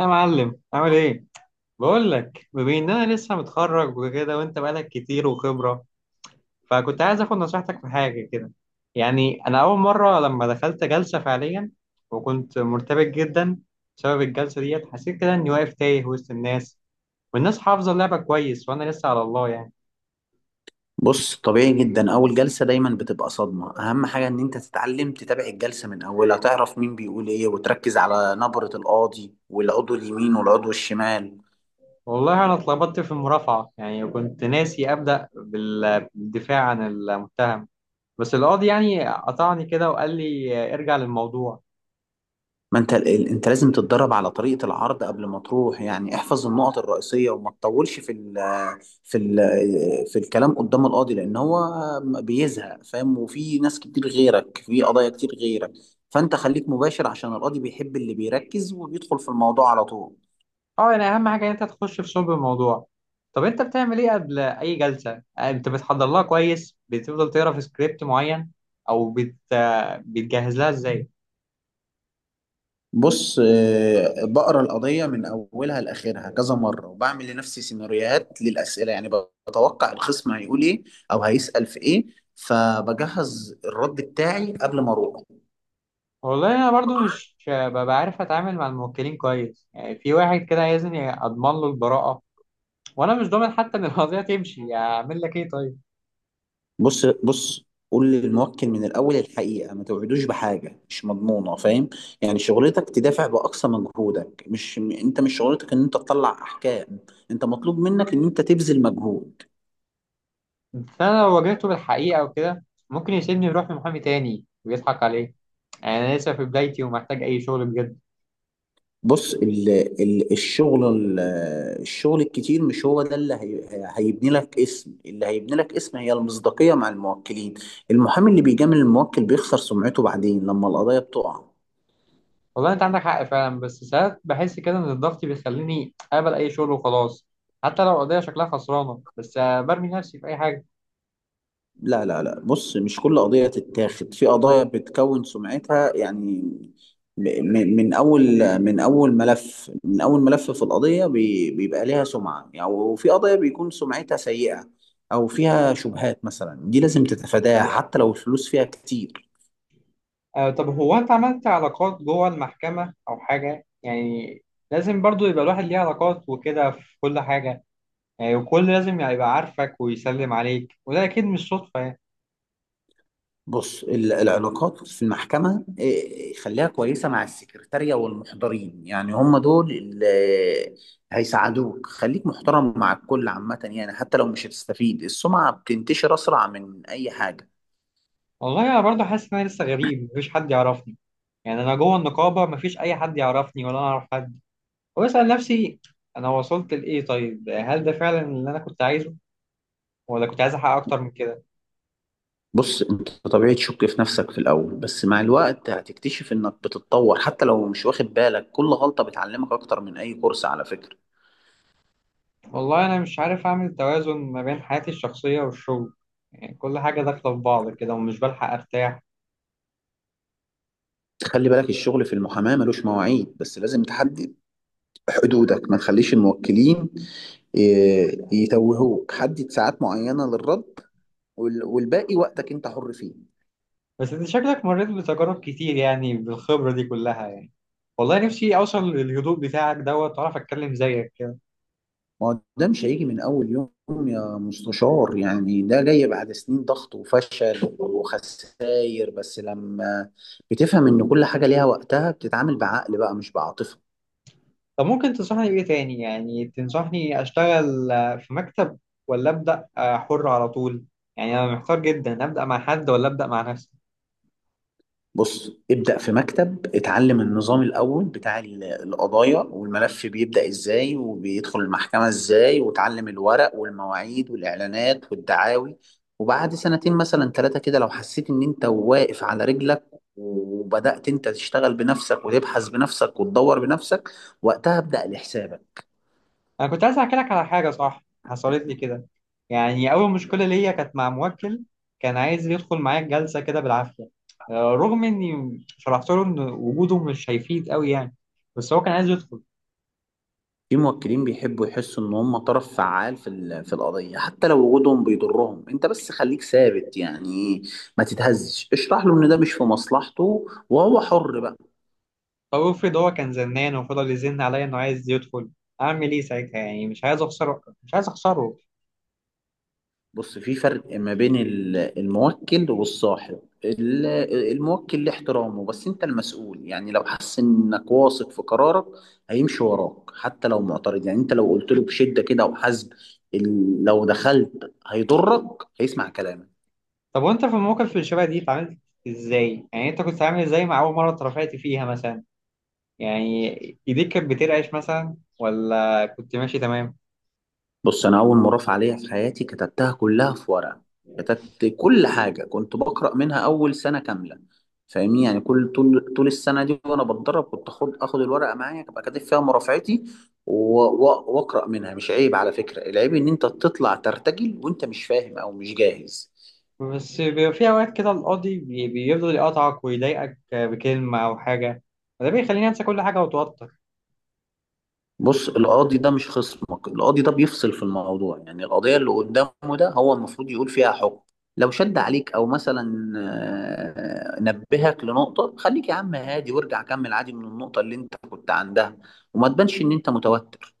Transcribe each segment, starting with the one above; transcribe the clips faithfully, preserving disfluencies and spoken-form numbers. يا معلم، عامل ايه؟ بقول لك بما ان انا لسه متخرج وكده، وانت بقالك كتير وخبره، فكنت عايز اخد نصيحتك في حاجه كده. يعني انا اول مره لما دخلت جلسه فعليا، وكنت مرتبك جدا بسبب الجلسه ديت. حسيت كده اني واقف تايه وسط الناس، والناس حافظه اللعبه كويس وانا لسه على الله يعني. بص، طبيعي جدا. اول جلسه دايما بتبقى صدمه. اهم حاجه ان انت تتعلم تتابع الجلسه من اولها، تعرف مين بيقول ايه، وتركز على نبره القاضي والعضو اليمين والعضو الشمال. والله انا اتلخبطت في المرافعه، يعني كنت ناسي ابدا بال- بالدفاع عن المتهم. بس القاضي يعني قطعني كده وقال لي ارجع للموضوع. ما انت ال- انت لازم تتدرب على طريقه العرض قبل ما تروح، يعني احفظ النقط الرئيسيه وما تطولش في ال في ال في الكلام قدام القاضي لان هو بيزهق، فاهم، وفي ناس كتير غيرك في قضايا كتير غيرك. فانت خليك مباشر عشان القاضي بيحب اللي بيركز وبيدخل في الموضوع على طول. اه، يعني اهم حاجه إن انت تخش في صلب الموضوع. طب انت بتعمل ايه قبل اي جلسه؟ آه، انت بتحضر لها كويس، بتفضل تقرا في سكريبت معين، او بت... بتجهز لها ازاي؟ بص، آه، بقرا القضية من أولها لآخرها كذا مرة وبعمل لنفسي سيناريوهات للأسئلة، يعني بتوقع الخصم هيقول إيه أو هيسأل في إيه، فبجهز الرد بتاعي قبل ما أروح. والله انا برضو مش ببقى عارف اتعامل مع الموكلين كويس، يعني في واحد كده عايزني اضمن له البراءه، وانا مش ضامن حتى ان القضيه تمشي. اعمل لك ايه طيب؟ بص بص، قول للموكل من الأول الحقيقة، ما توعدوش بحاجة مش مضمونة، فاهم. يعني شغلتك تدافع بأقصى مجهودك، مش م- أنت مش شغلتك إن أنت تطلع أحكام، أنت مطلوب منك إن أنت تبذل مجهود. بس انا لو واجهته بالحقيقه وكده، ممكن يسيبني يروح لمحامي تاني ويضحك عليه. يعني انا لسه في بدايتي ومحتاج اي شغل بجد. بص، ال ال الشغل ال- الشغل الكتير مش هو ده اللي هي هيبني لك اسم. اللي هيبني لك اسم هي المصداقية مع الموكلين. المحامي اللي بيجامل الموكل بيخسر سمعته بعدين لما القضايا بتقع. والله انت عندك حق فعلا، بس ساعات بحس كده ان الضغط بيخليني اقبل اي شغل وخلاص. حتى لو القضيه شكلها خسرانه، بس آه، برمي نفسي في اي حاجه. لا لا لا، بص، مش كل قضية تتاخد. في قضايا بتكون سمعتها، يعني، م- م- من أول من أول ملف من أول ملف في القضية بي- بيبقى ليها سمعة، يعني. وفي قضايا بيكون سمعتها سيئة أو فيها شبهات مثلا، دي لازم تتفاداها حتى لو الفلوس فيها كتير. آه، طب هو انت عملت علاقات جوه المحكمة او حاجة يعني؟ لازم برضو يبقى الواحد ليه علاقات وكده في كل حاجة. يعني وكل لازم يعني يبقى عارفك ويسلم عليك، وده اكيد مش صدفة يعني. بص، ال- العلاقات في المحكمة، إيه، خليها كويسة مع السكرتارية والمحضرين، يعني هم دول اللي هيساعدوك. خليك محترم مع الكل عامة، يعني حتى لو مش هتستفيد السمعة بتنتشر أسرع من أي حاجة. والله انا برضو حاسس ان انا لسه غريب، مفيش حد يعرفني. يعني انا جوه النقابة مفيش اي حد يعرفني ولا انا اعرف حد. واسأل نفسي، انا وصلت لايه طيب؟ هل ده فعلا اللي انا كنت عايزه، ولا كنت عايز احقق اكتر من كده؟ بص، انت طبيعي تشك في نفسك في الأول، بس مع الوقت هتكتشف انك بتتطور حتى لو مش واخد بالك. كل غلطة بتعلمك أكتر من أي كورس على فكرة. والله انا مش عارف اعمل توازن ما بين حياتي الشخصيه والشغل. يعني كل حاجه داخله في بعض كده، ومش بلحق ارتاح. خلي بالك، الشغل في المحاماة ملوش مواعيد، بس لازم تحدد حدودك. ما تخليش الموكلين ي- يتوهوك. حدد ساعات معينة للرد وال- والباقي وقتك انت حر فيه. بس انت شكلك مريت بتجارب كتير يعني، بالخبره دي كلها يعني. والله نفسي اوصل للهدوء بتاعك دوت واعرف اتكلم زيك كده. ما هو ده مش هيجي من اول يوم، يا مستشار. يعني ده جاي بعد سنين ضغط وفشل وخسائر، بس لما بتفهم ان كل حاجة ليها وقتها، بتتعامل بعقل بقى مش بعاطفة. طب ممكن تنصحني بايه تاني؟ يعني تنصحني اشتغل آه، في مكتب، ولا ابدا آه، حر على طول؟ يعني انا محتار جدا، ابدا مع حد ولا ابدا مع نفسي. بص، ابدأ في مكتب، اتعلم النظام الأول بتاع ال- القضايا، والملف بيبدأ ازاي وبيدخل المحكمة ازاي، وتعلم الورق والمواعيد والإعلانات والدعاوي. وبعد سنتين مثلا تلاته كده لو حسيت إن أنت واقف على رجلك وبدأت أنت تشتغل بنفسك وتبحث بنفسك وتدور بنفسك، وقتها ابدأ لحسابك. انا كنت عايز احكي لك على حاجه صح حصلت لي كده. يعني اول مشكله ليا كانت مع موكل، كان عايز يدخل معايا الجلسه كده بالعافيه. آه، رغم اني شرحت له ان وجوده مش هيفيد قوي يعني. بس هو كان عايز يدخل. في موكلين بيحبوا يحسوا ان هم طرف فعال في ال- في القضيه حتى لو وجودهم بيضرهم. انت بس خليك ثابت، يعني ما تتهزش. اشرح له ان ده مش في مصلحته وهو حر بقى. طب افرض هو كان زنان وفضل يزن عليا انه عايز يدخل، اعمل ايه ساعتها؟ يعني مش عايز اخسره، مش عايز اخسره. بص، في فرق ما بين ال- الموكل والصاحب. ال- الموكل له احترامه، بس انت المسؤول. يعني لو حس انك واثق في قرارك هيمشي وراك حتى لو معترض. يعني انت لو قلت له بشده كده وحزم، ال- لو دخلت هيضرك هيسمع كلامك. طب وانت في الموقف اللي شبه دي اتعاملت ازاي؟ يعني انت كنت عامل ازاي مع اول مره اترفعت فيها مثلا؟ يعني ايديك كانت بترعش مثلا، ولا كنت ماشي تمام؟ بص، انا اول مرافعه ليا في حياتي كتبتها كلها في ورقه. كتبت كل حاجه كنت بقرا منها اول سنه كامله، فاهمني. يعني كل طول طول السنه دي وانا بتدرب كنت اخد اخد الورقه معايا ابقى كاتب فيها مرافعتي و- و- واقرا منها. مش عيب على فكره. العيب ان انت تطلع ترتجل وانت مش فاهم او مش جاهز. بس بيبقى في أوقات كده القاضي بي- بيفضل يقطعك ويضايقك بكلمة أو حاجة، وده بيخليني أنسى كل حاجة وأتوتر. بص، القاضي ده مش خصمك. القاضي ده بيفصل في الموضوع، يعني القضية اللي قدامه ده هو المفروض يقول فيها حكم. لو شد عليك او مثلا آه، نبهك لنقطة، خليك يا عم هادي وارجع كمل عادي من النقطة اللي انت كنت عندها، وما تبانش ان انت متوتر.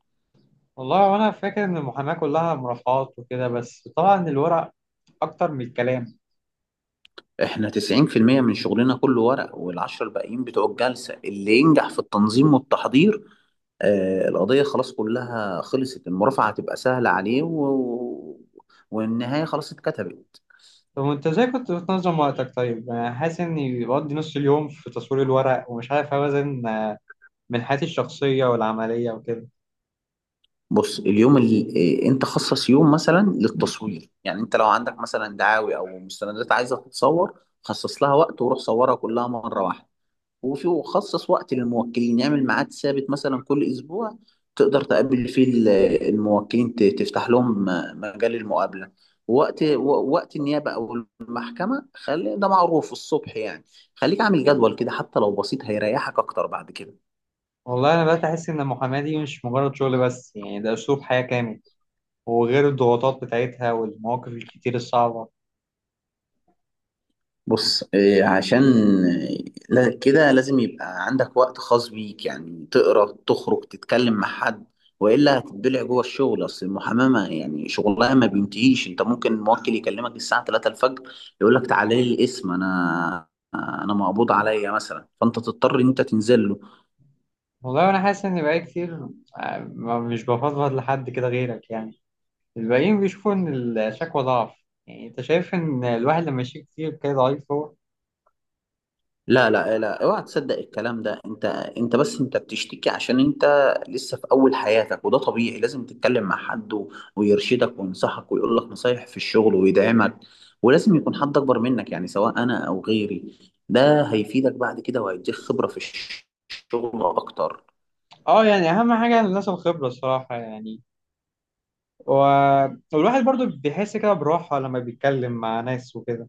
والله وأنا فاكر إن المحاماة كلها مرافعات وكده، بس طبعا الورق أكتر من الكلام. احنا تسعين في المية من شغلنا كله ورق، والعشرة الباقيين بتوع الجلسة. اللي ينجح في التنظيم والتحضير، آه، القضية خلاص كلها خلصت، المرافعة هتبقى سهلة عليه و... والنهاية خلاص اتكتبت. طب وأنت إزاي كنت بتنظم وقتك طيب؟ يعني أنا حاسس إني بقضي نص اليوم في تصوير الورق، ومش عارف أوازن بين حياتي الشخصية والعملية وكده. بص، اليوم اللي إيه، انت خصص يوم مثلا للتصوير. يعني انت لو عندك مثلا دعاوي او مستندات عايزه تتصور، خصص لها وقت وروح صورها كلها مره واحده. وفي وخصص وقت للموكلين، يعمل ميعاد ثابت مثلا كل اسبوع تقدر تقابل فيه ال- الموكلين، ت- تفتح لهم آه، مجال المقابله. وقت و- وقت النيابه او المحكمه خلي ده معروف الصبح، يعني خليك عامل جدول كده حتى لو بسيط هيريحك اكتر بعد كده. والله أنا بدأت أحس إن المحاماة دي مش مجرد شغل بس، يعني ده أسلوب حياة كامل، وغير الضغوطات بتاعتها والمواقف الكتير الصعبة. بص، إيه، عشان آه، لا- كده لازم يبقى عندك وقت خاص بيك، يعني تقرا، تخرج، تتكلم مع حد، والا هتتبلع جوه الشغل. اصل المحاماه يعني شغلها ما بينتهيش. انت ممكن موكل يكلمك الساعه تلاته الفجر يقول لك تعالى لي القسم، انا انا مقبوض عليا مثلا، فانت تضطر ان انت تنزل له. والله انا حاسس ان بقى كتير. آه، ما- مش بفضفض لحد كده غيرك يعني. الباقيين بيشوفوا ان الشكوى ضعف، يعني انت شايف ان الواحد لما يشيك كتير كده ضعيف هو؟ لا لا لا، اوعى تصدق الكلام ده. انت انت بس، انت بتشتكي عشان انت لسه في اول حياتك وده طبيعي. لازم تتكلم مع حد و... ويرشدك وينصحك ويقول لك نصايح في الشغل ويدعمك. ولازم يكون حد اكبر منك، يعني سواء انا او غيري. ده هيفيدك بعد كده وهيديك خبرة في الشغل اكتر. اه، يعني اهم حاجه الناس الخبره الصراحه يعني. و... والواحد برضو بيحس كده براحه لما بيتكلم مع ناس وكده.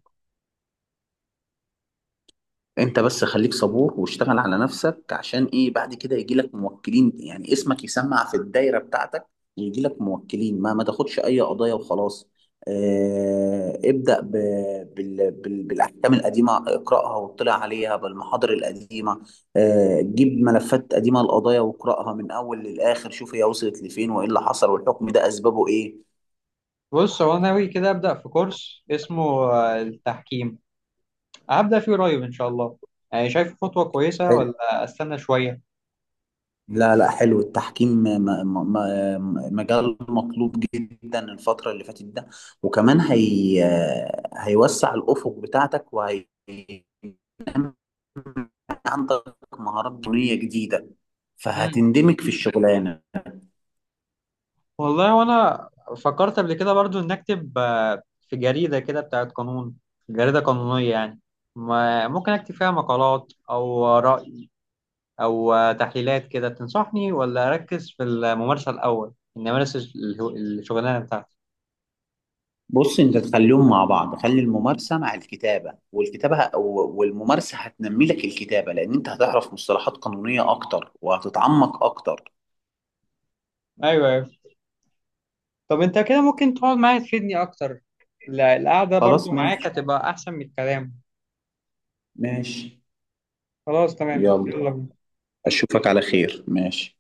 انت بس خليك صبور واشتغل على نفسك عشان ايه بعد كده يجي لك موكلين، يعني اسمك يسمع في الدايرة بتاعتك ويجي لك موكلين. ما ما تاخدش اي قضايا وخلاص. اه ابدأ ب... بال... بال... بالاحكام القديمة، اقرأها واطلع عليها بالمحاضر القديمة. اه جيب ملفات قديمة القضايا واقرأها من اول للاخر، شوف هي وصلت لفين وايه اللي حصل والحكم ده اسبابه ايه. بص، هو أنا ناوي كده ابدا في كورس اسمه آه، التحكيم، هبدا فيه قريب ان شاء الله. يعني شايف خطوه كويسه ولا استنى شويه؟ لا لا، حلو التحكيم. م- م- م- مجال مطلوب جدا الفترة اللي فاتت ده. وكمان هي هيوسع الأفق بتاعتك وهي عندك مهارات بنية جديدة، فهتندمج في الشغلانة. والله وانا فكرت قبل كده برضو ان اكتب آه، في جريدة كده بتاعت قانون، جريدة قانونية يعني. ما ممكن اكتب فيها مقالات او رأي او آه، تحليلات كده، تنصحني ولا اركز في الممارسة الاول اني امارس الهو- الشغلانة بتاعتي؟ بص، انت تخليهم مع بعض، خلي الممارسة مع الكتابة، والكتابة ه- و- والممارسة هتنمي لك الكتابة، لأن انت هتعرف مصطلحات قانونية أكتر وهتتعمق أكتر. ايوه، ايوه. طب انت كده ممكن تقعد معايا تفيدني اكتر؟ لا، القعدة برضو خلاص، معاك ماشي هتبقى احسن من الكلام. ماشي، خلاص تمام، يلا. يلا بينا. أشوفك على خير، ماشي.